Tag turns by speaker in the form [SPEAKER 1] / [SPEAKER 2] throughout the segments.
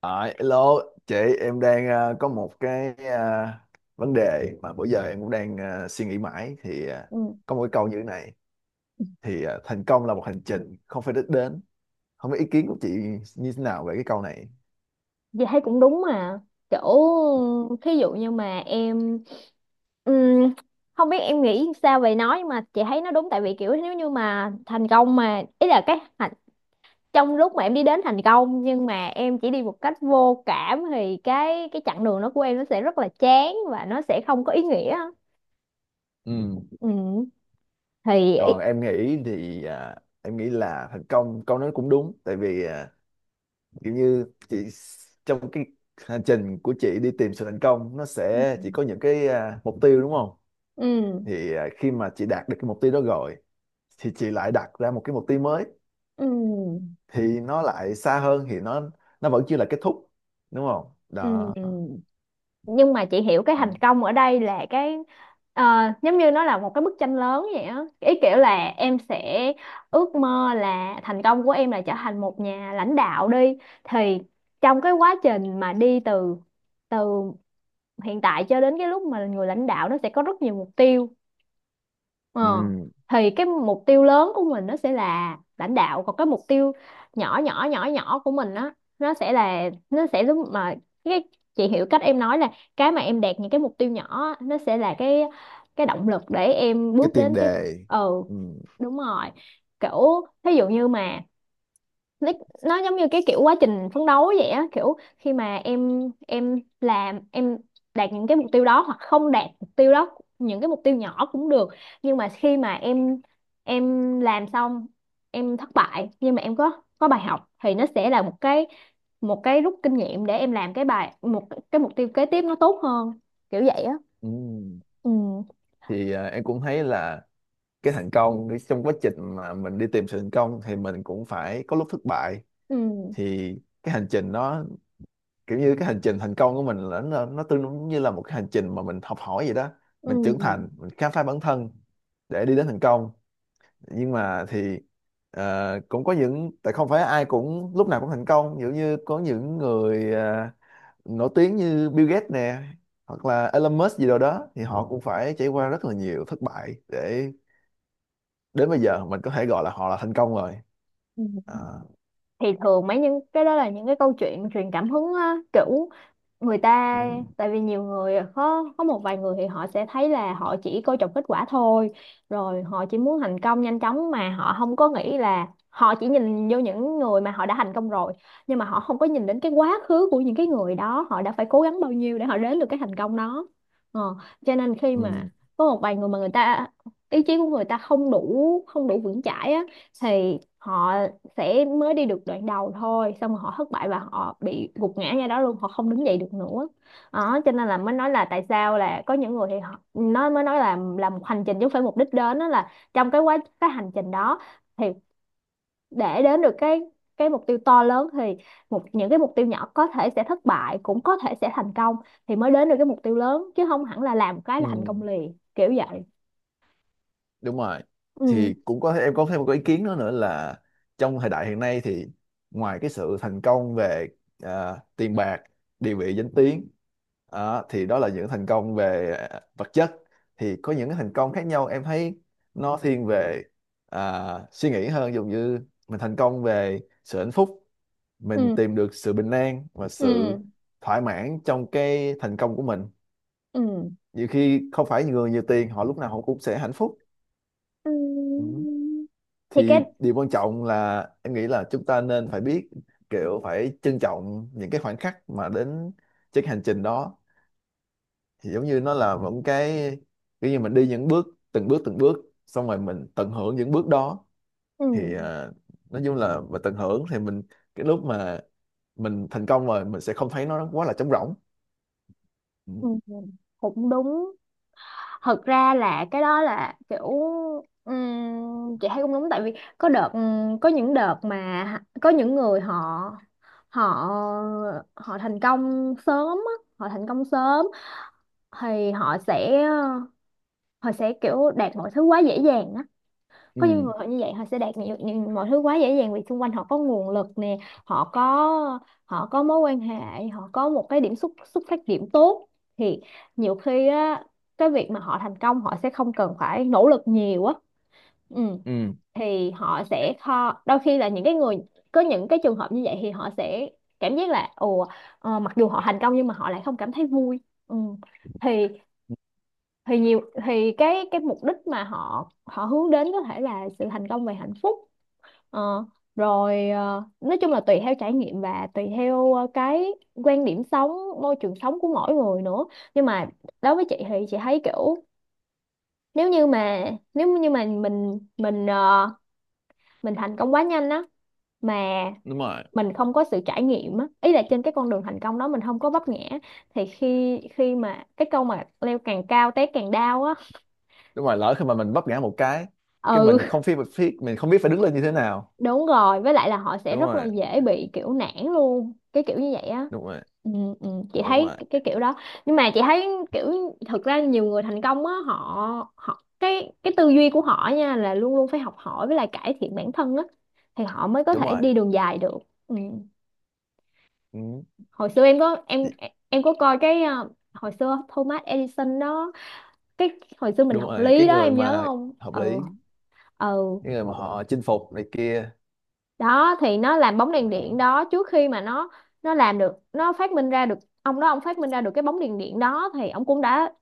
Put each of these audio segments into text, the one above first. [SPEAKER 1] À, hello chị. Em đang có một cái vấn đề mà bữa giờ em cũng đang suy nghĩ mãi, thì
[SPEAKER 2] Ừ,
[SPEAKER 1] có một cái câu như thế này, thì thành công là một hành trình không phải đích đến. Không biết ý kiến của chị như thế nào về cái câu này.
[SPEAKER 2] Dì thấy cũng đúng mà, kiểu thí dụ như mà em ừm, không biết em nghĩ sao về nó, nhưng mà chị thấy nó đúng tại vì kiểu nếu như mà thành công mà ý là trong lúc mà em đi đến thành công nhưng mà em chỉ đi một cách vô cảm thì cái chặng đường đó của em nó sẽ rất là chán và nó sẽ không có ý nghĩa.
[SPEAKER 1] Ừ.
[SPEAKER 2] ừ thì ý-
[SPEAKER 1] Còn em nghĩ là thành công câu nói cũng đúng, tại vì kiểu như trong cái hành trình của chị đi tìm sự thành công, nó sẽ chỉ có những cái mục tiêu, đúng không?
[SPEAKER 2] ừ
[SPEAKER 1] Thì khi mà chị đạt được cái mục tiêu đó rồi thì chị lại đặt ra một cái mục tiêu mới,
[SPEAKER 2] ừ
[SPEAKER 1] thì nó lại xa hơn, thì nó vẫn chưa là kết thúc, đúng không đó?
[SPEAKER 2] ừ nhưng mà chị hiểu cái thành công ở đây là ờ, giống như nó là một cái bức tranh lớn vậy á, ý kiểu là em sẽ ước mơ là thành công của em là trở thành một nhà lãnh đạo đi, thì trong cái quá trình mà đi từ từ hiện tại cho đến cái lúc mà là người lãnh đạo nó sẽ có rất nhiều mục tiêu. Ờ.
[SPEAKER 1] Ừ.
[SPEAKER 2] Thì cái mục tiêu lớn của mình nó sẽ là lãnh đạo, còn cái mục tiêu nhỏ nhỏ nhỏ nhỏ của mình á nó sẽ là, nó sẽ giống mà cái, chị hiểu cách em nói là cái mà em đạt những cái mục tiêu nhỏ á, nó sẽ là cái động lực để em
[SPEAKER 1] Cái
[SPEAKER 2] bước
[SPEAKER 1] tiền
[SPEAKER 2] đến cái.
[SPEAKER 1] đề.
[SPEAKER 2] Ừ,
[SPEAKER 1] Ừ.
[SPEAKER 2] đúng rồi, kiểu thí dụ như mà nó nó giống như cái kiểu quá trình phấn đấu vậy á, kiểu khi mà em làm, em đạt những cái mục tiêu đó hoặc không đạt mục tiêu đó, những cái mục tiêu nhỏ cũng được, nhưng mà khi mà em làm xong, em thất bại nhưng mà em có bài học thì nó sẽ là một cái, một cái rút kinh nghiệm để em làm cái bài một cái mục tiêu kế tiếp nó tốt hơn, kiểu vậy á.
[SPEAKER 1] Ừ.
[SPEAKER 2] ừ
[SPEAKER 1] Thì em cũng thấy là cái thành công trong quá trình mà mình đi tìm sự thành công thì mình cũng phải có lúc thất bại.
[SPEAKER 2] ừ
[SPEAKER 1] Thì cái hành trình nó kiểu như cái hành trình thành công của mình là nó tương đương như là một cái hành trình mà mình học hỏi vậy đó.
[SPEAKER 2] ừ
[SPEAKER 1] Mình trưởng thành, mình khám phá bản thân để đi đến thành công. Nhưng mà thì cũng có những tại không phải ai cũng lúc nào cũng thành công, giống như có những người nổi tiếng như Bill Gates nè, hoặc là Elon Musk gì đâu đó thì họ cũng phải trải qua rất là nhiều thất bại để đến bây giờ mình có thể gọi là họ là thành công rồi. À.
[SPEAKER 2] ừ thì thường mấy những cái đó là những cái câu chuyện truyền cảm hứng á, kiểu người
[SPEAKER 1] Ừ.
[SPEAKER 2] ta, tại vì nhiều người có một vài người thì họ sẽ thấy là họ chỉ coi trọng kết quả thôi, rồi họ chỉ muốn thành công nhanh chóng mà họ không có nghĩ, là họ chỉ nhìn vô những người mà họ đã thành công rồi nhưng mà họ không có nhìn đến cái quá khứ của những cái người đó họ đã phải cố gắng bao nhiêu để họ đến được cái thành công đó. ờ, cho nên khi
[SPEAKER 1] Ừ.
[SPEAKER 2] mà có một vài người mà người ta, ý chí của người ta không đủ vững chãi á, thì họ sẽ mới đi được đoạn đầu thôi, xong rồi họ thất bại và họ bị gục ngã ra đó luôn, họ không đứng dậy được nữa. Đó cho nên là mới nói là tại sao là có những người thì họ, nó mới nói là làm một hành trình chứ không phải mục đích đến, đó là trong cái hành trình đó thì để đến được cái mục tiêu to lớn thì một những cái mục tiêu nhỏ có thể sẽ thất bại, cũng có thể sẽ thành công, thì mới đến được cái mục tiêu lớn chứ không hẳn là làm một cái
[SPEAKER 1] Ừ.
[SPEAKER 2] là thành công liền, kiểu vậy.
[SPEAKER 1] Đúng rồi.
[SPEAKER 2] ừ
[SPEAKER 1] Thì cũng có em có thêm một cái ý kiến nữa nữa là trong thời đại hiện nay thì ngoài cái sự thành công về tiền bạc, địa vị, danh tiếng, thì đó là những thành công về vật chất. Thì có những cái thành công khác nhau em thấy nó thiên về à, suy nghĩ hơn, giống như mình thành công về sự hạnh phúc, mình
[SPEAKER 2] ừ
[SPEAKER 1] tìm được sự bình an và sự
[SPEAKER 2] ừ
[SPEAKER 1] thỏa mãn trong cái thành công của mình.
[SPEAKER 2] ừ
[SPEAKER 1] Nhiều khi không phải người nhiều tiền họ lúc nào họ cũng sẽ hạnh phúc.
[SPEAKER 2] Ừ.
[SPEAKER 1] Ừ,
[SPEAKER 2] Thì cái,
[SPEAKER 1] thì điều quan trọng là em nghĩ là chúng ta nên phải biết kiểu phải trân trọng những cái khoảnh khắc mà đến trên cái hành trình đó. Thì giống như nó là một cái kiểu như mình đi những bước, từng bước từng bước, xong rồi mình tận hưởng những bước đó.
[SPEAKER 2] ừ.
[SPEAKER 1] Thì nói chung là mà tận hưởng thì mình cái lúc mà mình thành công rồi mình sẽ không thấy nó quá là trống rỗng. Ừ.
[SPEAKER 2] Ừ, cũng đúng, thật ra là cái đó là kiểu chị thấy cũng đúng tại vì có đợt có những đợt mà có những người họ, họ họ thành công sớm á, họ thành công sớm thì họ sẽ kiểu đạt mọi thứ quá dễ dàng á, có những
[SPEAKER 1] Ừ.
[SPEAKER 2] người họ như vậy họ sẽ đạt nhiều, nhiều mọi thứ quá dễ dàng vì xung quanh họ có nguồn lực nè, họ có họ có mối quan hệ, họ có một cái điểm xuất xuất phát điểm tốt, thì nhiều khi á cái việc mà họ thành công họ sẽ không cần phải nỗ lực nhiều á. Ừ.
[SPEAKER 1] Ừ,
[SPEAKER 2] Thì họ sẽ kho đôi khi là những cái người có những cái trường hợp như vậy thì họ sẽ cảm giác là ồ, mặc dù họ thành công nhưng mà họ lại không cảm thấy vui. Ừ. thì thì cái mục đích mà họ họ hướng đến có thể là sự thành công về hạnh phúc. Ờ, Rồi nói chung là tùy theo trải nghiệm và tùy theo cái quan điểm sống, môi trường sống của mỗi người nữa. Nhưng mà đối với chị thì chị thấy kiểu, nếu như mà nếu như mà mình thành công quá nhanh á mà
[SPEAKER 1] đúng rồi.
[SPEAKER 2] mình không có sự trải nghiệm á, ý là trên cái con đường thành công đó mình không có vấp ngã, thì khi khi mà cái câu mà leo càng cao té càng đau á.
[SPEAKER 1] Đúng rồi, lỡ khi mà mình vấp ngã một cái
[SPEAKER 2] Ừ,
[SPEAKER 1] mình không biết phải đứng lên như thế nào.
[SPEAKER 2] đúng rồi, với lại là họ sẽ
[SPEAKER 1] Đúng
[SPEAKER 2] rất là
[SPEAKER 1] rồi.
[SPEAKER 2] dễ bị kiểu nản luôn, cái kiểu như vậy á.
[SPEAKER 1] Đúng rồi.
[SPEAKER 2] Ừ, ừ, chị
[SPEAKER 1] Đúng
[SPEAKER 2] thấy
[SPEAKER 1] rồi.
[SPEAKER 2] cái kiểu đó. Nhưng mà chị thấy kiểu thực ra nhiều người thành công á, họ họ cái tư duy của họ nha là luôn luôn phải học hỏi với lại cải thiện bản thân á, thì họ mới có
[SPEAKER 1] Đúng
[SPEAKER 2] thể
[SPEAKER 1] rồi.
[SPEAKER 2] đi đường dài được. Ừ.
[SPEAKER 1] Ừ.
[SPEAKER 2] Hồi xưa
[SPEAKER 1] chị-
[SPEAKER 2] em có coi cái hồi xưa Thomas Edison đó, cái hồi xưa mình
[SPEAKER 1] Đúng
[SPEAKER 2] học
[SPEAKER 1] rồi,
[SPEAKER 2] lý
[SPEAKER 1] cái
[SPEAKER 2] đó
[SPEAKER 1] người
[SPEAKER 2] em nhớ
[SPEAKER 1] mà
[SPEAKER 2] không.
[SPEAKER 1] hợp
[SPEAKER 2] Ừ,
[SPEAKER 1] lý,
[SPEAKER 2] ừ,
[SPEAKER 1] cái người mà họ chinh phục này kia.
[SPEAKER 2] đó thì nó làm bóng đèn điện
[SPEAKER 1] Đó.
[SPEAKER 2] đó, trước khi mà nó làm được, nó phát minh ra được, ông đó ông phát minh ra được cái bóng đèn điện đó thì ông cũng đã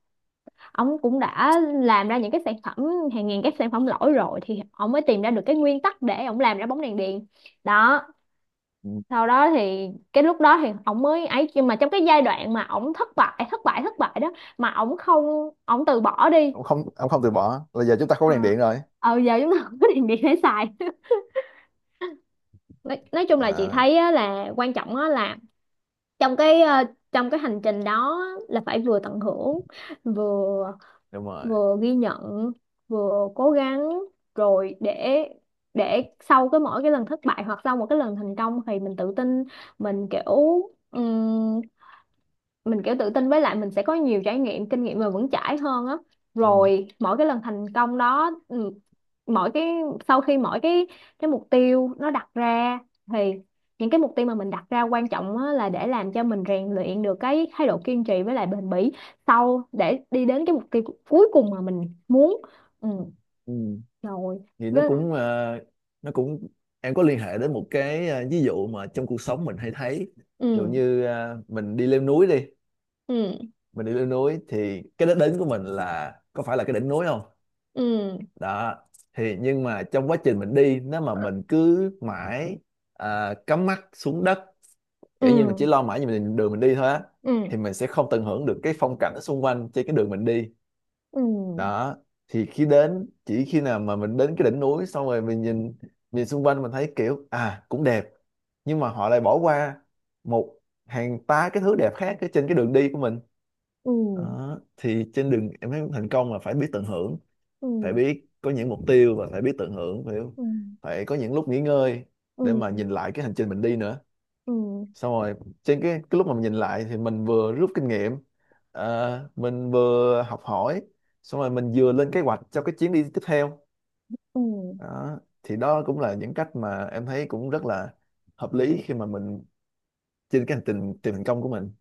[SPEAKER 2] ông cũng đã làm ra những cái sản phẩm, hàng ngàn cái sản phẩm lỗi rồi thì ông mới tìm ra được cái nguyên tắc để ông làm ra bóng đèn điện. Đó,
[SPEAKER 1] Ừ.
[SPEAKER 2] sau đó thì cái lúc đó thì ông mới ấy, nhưng mà trong cái giai đoạn mà ông thất bại thất bại thất bại đó mà ông không ông từ bỏ đi.
[SPEAKER 1] ông không từ bỏ là giờ chúng ta có
[SPEAKER 2] ờ
[SPEAKER 1] đèn điện rồi.
[SPEAKER 2] Giờ chúng ta không có đèn điện để xài. Nói chung là chị
[SPEAKER 1] À,
[SPEAKER 2] thấy á, là quan trọng á, là trong cái trong cái hành trình đó là phải vừa tận hưởng, vừa
[SPEAKER 1] đúng rồi.
[SPEAKER 2] vừa ghi nhận, vừa cố gắng, rồi để sau cái mỗi cái lần thất bại hoặc sau một cái lần thành công thì mình tự tin, mình kiểu ừm, mình kiểu tự tin với lại mình sẽ có nhiều trải nghiệm kinh nghiệm mà vững chãi hơn á.
[SPEAKER 1] Ừ.
[SPEAKER 2] Rồi mỗi cái lần thành công đó, mỗi cái sau khi mỗi cái mục tiêu nó đặt ra thì những cái mục tiêu mà mình đặt ra quan trọng á, là để làm cho mình rèn luyện được cái thái độ kiên trì với lại bền bỉ, sau để đi đến cái mục tiêu cuối cùng mà mình muốn. Ừ,
[SPEAKER 1] Ừ.
[SPEAKER 2] rồi
[SPEAKER 1] Thì nó
[SPEAKER 2] với là.
[SPEAKER 1] cũng ờ, nó cũng em có liên hệ đến một cái ví dụ mà trong cuộc sống mình hay thấy, ví dụ
[SPEAKER 2] Ừ
[SPEAKER 1] như mình đi leo núi đi.
[SPEAKER 2] ừ
[SPEAKER 1] Mình đi leo núi thì cái đích đến của mình là có phải là cái đỉnh núi không?
[SPEAKER 2] ừ
[SPEAKER 1] Đó. Thì nhưng mà trong quá trình mình đi, nếu mà mình cứ mãi cắm mắt xuống đất, kiểu như mình
[SPEAKER 2] ừ
[SPEAKER 1] chỉ lo mãi về mình đường mình đi thôi á,
[SPEAKER 2] ừ
[SPEAKER 1] thì mình sẽ không tận hưởng được cái phong cảnh ở xung quanh trên cái đường mình đi.
[SPEAKER 2] ừ
[SPEAKER 1] Đó. Thì khi đến chỉ khi nào mà mình đến cái đỉnh núi xong rồi mình nhìn nhìn xung quanh mình thấy kiểu à cũng đẹp, nhưng mà họ lại bỏ qua một hàng tá cái thứ đẹp khác ở trên cái đường đi của mình.
[SPEAKER 2] ừ
[SPEAKER 1] Đó. Thì trên đường em thấy thành công là phải biết tận hưởng,
[SPEAKER 2] ừ
[SPEAKER 1] phải
[SPEAKER 2] ừ
[SPEAKER 1] biết có những mục tiêu và phải biết tận hưởng, phải phải có những lúc nghỉ ngơi
[SPEAKER 2] ừ
[SPEAKER 1] để mà nhìn lại cái hành trình mình đi nữa.
[SPEAKER 2] ừ ừ
[SPEAKER 1] Xong rồi trên cái lúc mà mình nhìn lại thì mình vừa rút kinh nghiệm, mình vừa học hỏi, xong rồi mình vừa lên kế hoạch cho cái chuyến đi tiếp theo.
[SPEAKER 2] ừ.
[SPEAKER 1] Đó. Thì đó cũng là những cách mà em thấy cũng rất là hợp lý khi mà mình trên cái hành trình tìm thành công của mình.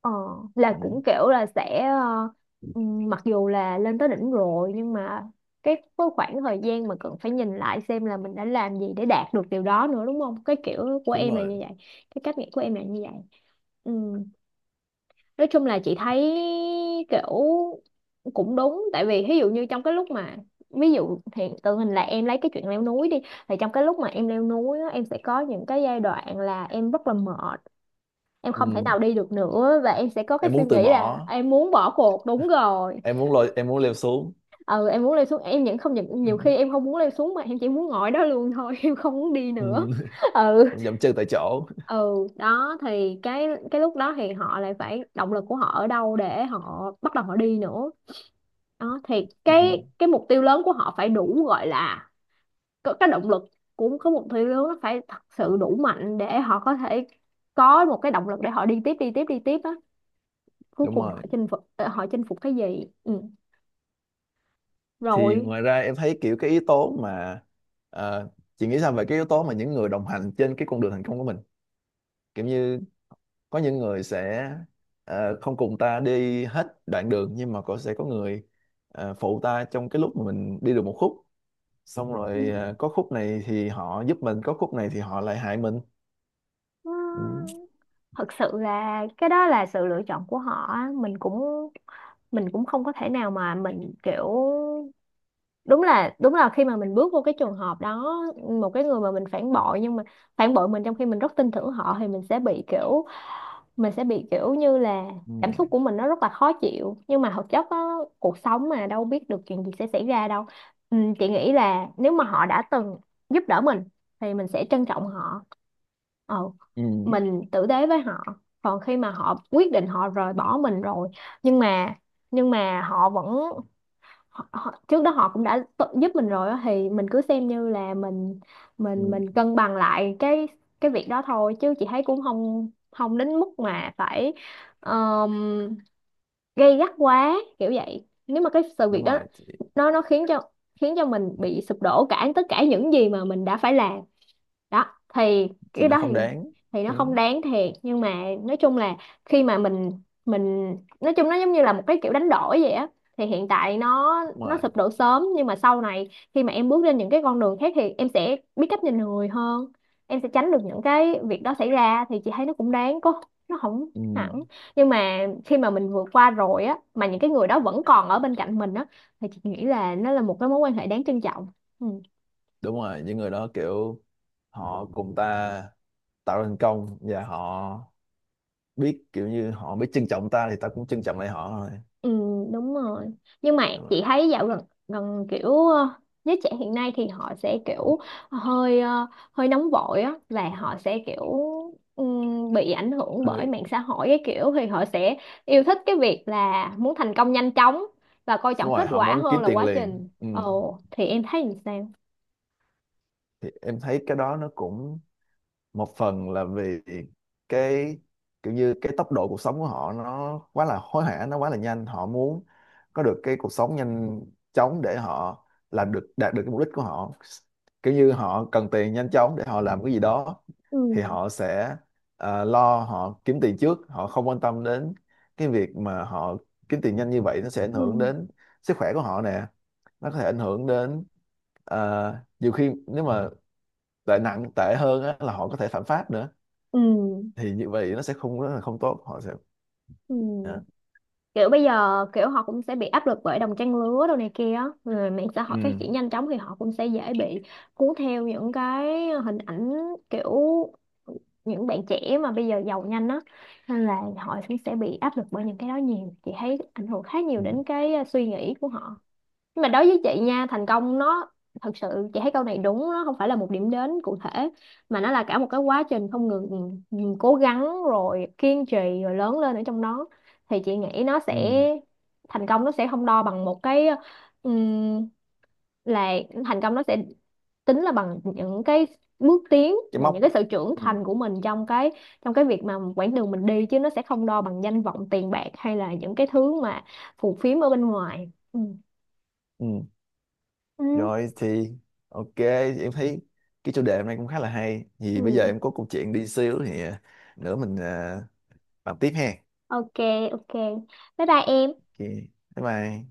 [SPEAKER 2] Ờ, là
[SPEAKER 1] Ừ,
[SPEAKER 2] cũng kiểu là sẽ mặc dù là lên tới đỉnh rồi nhưng mà cái khoảng thời gian mà cần phải nhìn lại xem là mình đã làm gì để đạt được điều đó nữa, đúng không? Cái kiểu của
[SPEAKER 1] đúng
[SPEAKER 2] em là như
[SPEAKER 1] rồi.
[SPEAKER 2] vậy, cái cách nghĩ của em là như vậy. Ừm, Nói chung là chị thấy kiểu cũng đúng, tại vì ví dụ như trong cái lúc mà, ví dụ hiện tượng hình là em lấy cái chuyện leo núi đi, thì trong cái lúc mà em leo núi á, em sẽ có những cái giai đoạn là em rất là mệt, em không thể
[SPEAKER 1] Ừ.
[SPEAKER 2] nào đi được nữa và em sẽ có cái
[SPEAKER 1] Em
[SPEAKER 2] suy
[SPEAKER 1] muốn từ
[SPEAKER 2] nghĩ là
[SPEAKER 1] bỏ,
[SPEAKER 2] em muốn bỏ cuộc. Đúng rồi,
[SPEAKER 1] em muốn lôi em muốn leo xuống.
[SPEAKER 2] ừ, em muốn leo xuống em, những không những
[SPEAKER 1] Ừ.
[SPEAKER 2] nhiều khi em không muốn leo xuống mà em chỉ muốn ngồi đó luôn thôi, em không muốn đi nữa.
[SPEAKER 1] Ừ.
[SPEAKER 2] ừ
[SPEAKER 1] Dậm chân tại chỗ.
[SPEAKER 2] ừ Đó thì cái lúc đó thì họ lại phải động lực của họ ở đâu để họ bắt đầu họ đi nữa. Đó thì
[SPEAKER 1] Ừ.
[SPEAKER 2] cái mục tiêu lớn của họ phải đủ, gọi là có cái động lực, của có mục tiêu lớn nó phải thật sự đủ mạnh để họ có thể có một cái động lực để họ đi tiếp đi tiếp đi tiếp á, cuối
[SPEAKER 1] Đúng
[SPEAKER 2] cùng họ
[SPEAKER 1] rồi.
[SPEAKER 2] chinh phục họ chinh phục cái gì. Ừ.
[SPEAKER 1] Thì
[SPEAKER 2] Rồi
[SPEAKER 1] ngoài ra em thấy kiểu cái yếu tố mà ờ, chị nghĩ sao về cái yếu tố mà những người đồng hành trên cái con đường thành công của mình, kiểu như có những người sẽ không cùng ta đi hết đoạn đường, nhưng mà có sẽ có người phụ ta trong cái lúc mà mình đi được một khúc, xong rồi có khúc này thì họ giúp mình, có khúc này thì họ lại hại mình.
[SPEAKER 2] ừ,
[SPEAKER 1] Ừ.
[SPEAKER 2] thật sự là cái đó là sự lựa chọn của họ á. Mình cũng không có thể nào mà mình kiểu đúng là khi mà mình bước vô cái trường hợp đó, một cái người mà mình phản bội nhưng mà phản bội mình trong khi mình rất tin tưởng họ thì mình sẽ bị kiểu mình sẽ bị kiểu như là
[SPEAKER 1] Ừ.
[SPEAKER 2] cảm xúc của mình nó rất là khó chịu, nhưng mà thực chất á, cuộc sống mà đâu biết được chuyện gì sẽ xảy ra đâu. Ừ, chị nghĩ là nếu mà họ đã từng giúp đỡ mình thì mình sẽ trân trọng họ, ừ,
[SPEAKER 1] Ừ.
[SPEAKER 2] mình tử tế với họ. Còn khi mà họ quyết định họ rời bỏ mình rồi, nhưng mà nhưng mà họ vẫn họ, trước đó họ cũng đã tự giúp mình rồi á, thì mình cứ xem như là mình mình
[SPEAKER 1] Ừ.
[SPEAKER 2] mình cân bằng lại cái việc đó thôi, chứ chị thấy cũng không không đến mức mà phải ờm, gay gắt quá kiểu vậy. Nếu mà cái sự việc
[SPEAKER 1] Đúng
[SPEAKER 2] đó
[SPEAKER 1] rồi. thì,
[SPEAKER 2] nó khiến cho mình bị sụp đổ cả tất cả những gì mà mình đã phải làm đó, thì
[SPEAKER 1] thì
[SPEAKER 2] cái
[SPEAKER 1] nó
[SPEAKER 2] đó
[SPEAKER 1] không đáng.
[SPEAKER 2] thì nó
[SPEAKER 1] Ừ.
[SPEAKER 2] không đáng thiệt, nhưng mà nói chung là khi mà mình nói chung nó giống như là một cái kiểu đánh đổi vậy á. Thì hiện tại nó
[SPEAKER 1] Đúng
[SPEAKER 2] nó
[SPEAKER 1] rồi.
[SPEAKER 2] sụp đổ sớm nhưng mà sau này khi mà em bước lên những cái con đường khác thì em sẽ biết cách nhìn người hơn, em sẽ tránh được những cái việc đó xảy ra, thì chị thấy nó cũng đáng, có nó không
[SPEAKER 1] Ừ.
[SPEAKER 2] hẳn. Nhưng mà khi mà mình vượt qua rồi á mà những cái người đó vẫn còn ở bên cạnh mình á, thì chị nghĩ là nó là một cái mối quan hệ đáng trân trọng. Ừ.
[SPEAKER 1] Đúng rồi, những người đó kiểu họ cùng ta tạo thành công và họ biết, kiểu như họ biết trân trọng ta thì ta cũng trân trọng lại họ thôi.
[SPEAKER 2] Ừ, đúng rồi. Nhưng mà
[SPEAKER 1] Đúng rồi.
[SPEAKER 2] chị thấy dạo gần gần kiểu giới trẻ hiện nay thì họ sẽ kiểu hơi, hơi nóng vội á, và họ sẽ kiểu bị ảnh hưởng bởi
[SPEAKER 1] Hơi.
[SPEAKER 2] mạng xã hội cái kiểu, thì họ sẽ yêu thích cái việc là muốn thành công nhanh chóng và coi trọng kết
[SPEAKER 1] Ngoài họ
[SPEAKER 2] quả
[SPEAKER 1] muốn
[SPEAKER 2] hơn
[SPEAKER 1] kiếm
[SPEAKER 2] là
[SPEAKER 1] tiền
[SPEAKER 2] quá
[SPEAKER 1] liền.
[SPEAKER 2] trình.
[SPEAKER 1] Ừ.
[SPEAKER 2] Ồ, thì em thấy làm sao?
[SPEAKER 1] Thì em thấy cái đó nó cũng một phần là vì cái kiểu như cái tốc độ cuộc sống của họ nó quá là hối hả, nó quá là nhanh, họ muốn có được cái cuộc sống nhanh chóng để họ làm được đạt được cái mục đích của họ, kiểu như họ cần tiền nhanh chóng để họ làm cái gì đó.
[SPEAKER 2] Ừ,
[SPEAKER 1] Thì họ sẽ lo họ kiếm tiền trước, họ không quan tâm đến cái việc mà họ kiếm tiền nhanh như vậy nó sẽ ảnh hưởng
[SPEAKER 2] ừ,
[SPEAKER 1] đến sức khỏe của họ nè, nó có thể ảnh hưởng đến nhiều khi nếu mà tệ nặng tệ hơn á, là họ có thể phạm pháp nữa.
[SPEAKER 2] ừ,
[SPEAKER 1] Thì như vậy nó sẽ không rất là không tốt, họ sẽ.
[SPEAKER 2] ừ.
[SPEAKER 1] Dạ.
[SPEAKER 2] Kiểu bây giờ kiểu họ cũng sẽ bị áp lực bởi đồng trang lứa đồ này kia á, rồi mạng xã
[SPEAKER 1] Ừ.
[SPEAKER 2] hội phát triển nhanh chóng thì họ cũng sẽ dễ bị cuốn theo những cái hình ảnh kiểu những bạn trẻ mà bây giờ giàu nhanh á, nên là họ cũng sẽ bị áp lực bởi những cái đó nhiều. Chị thấy ảnh hưởng khá nhiều
[SPEAKER 1] Ừ.
[SPEAKER 2] đến cái, suy nghĩ của họ. Nhưng mà đối với chị nha, thành công nó, thật sự chị thấy câu này đúng, nó không phải là một điểm đến cụ thể mà nó là cả một cái quá trình không ngừng ngừng cố gắng rồi kiên trì rồi lớn lên ở trong đó. Thì chị nghĩ nó
[SPEAKER 1] Ừ.
[SPEAKER 2] sẽ, thành công nó sẽ không đo bằng một cái ừm, là, thành công nó sẽ tính là bằng những cái bước tiến
[SPEAKER 1] Cái
[SPEAKER 2] và những
[SPEAKER 1] móc.
[SPEAKER 2] cái sự trưởng
[SPEAKER 1] Ừ.
[SPEAKER 2] thành của mình trong trong cái việc mà quãng đường mình đi, chứ nó sẽ không đo bằng danh vọng tiền bạc hay là những cái thứ mà phù phiếm ở bên ngoài. Ừ.
[SPEAKER 1] Ừ.
[SPEAKER 2] Ừ.
[SPEAKER 1] Rồi thì OK, thì em thấy cái chủ đề hôm nay cũng khá là hay, thì bây giờ
[SPEAKER 2] Ừ.
[SPEAKER 1] em có câu chuyện đi xíu thì nữa mình bàn tiếp ha.
[SPEAKER 2] Ok, ok, bye bye em.
[SPEAKER 1] OK. Bye bye.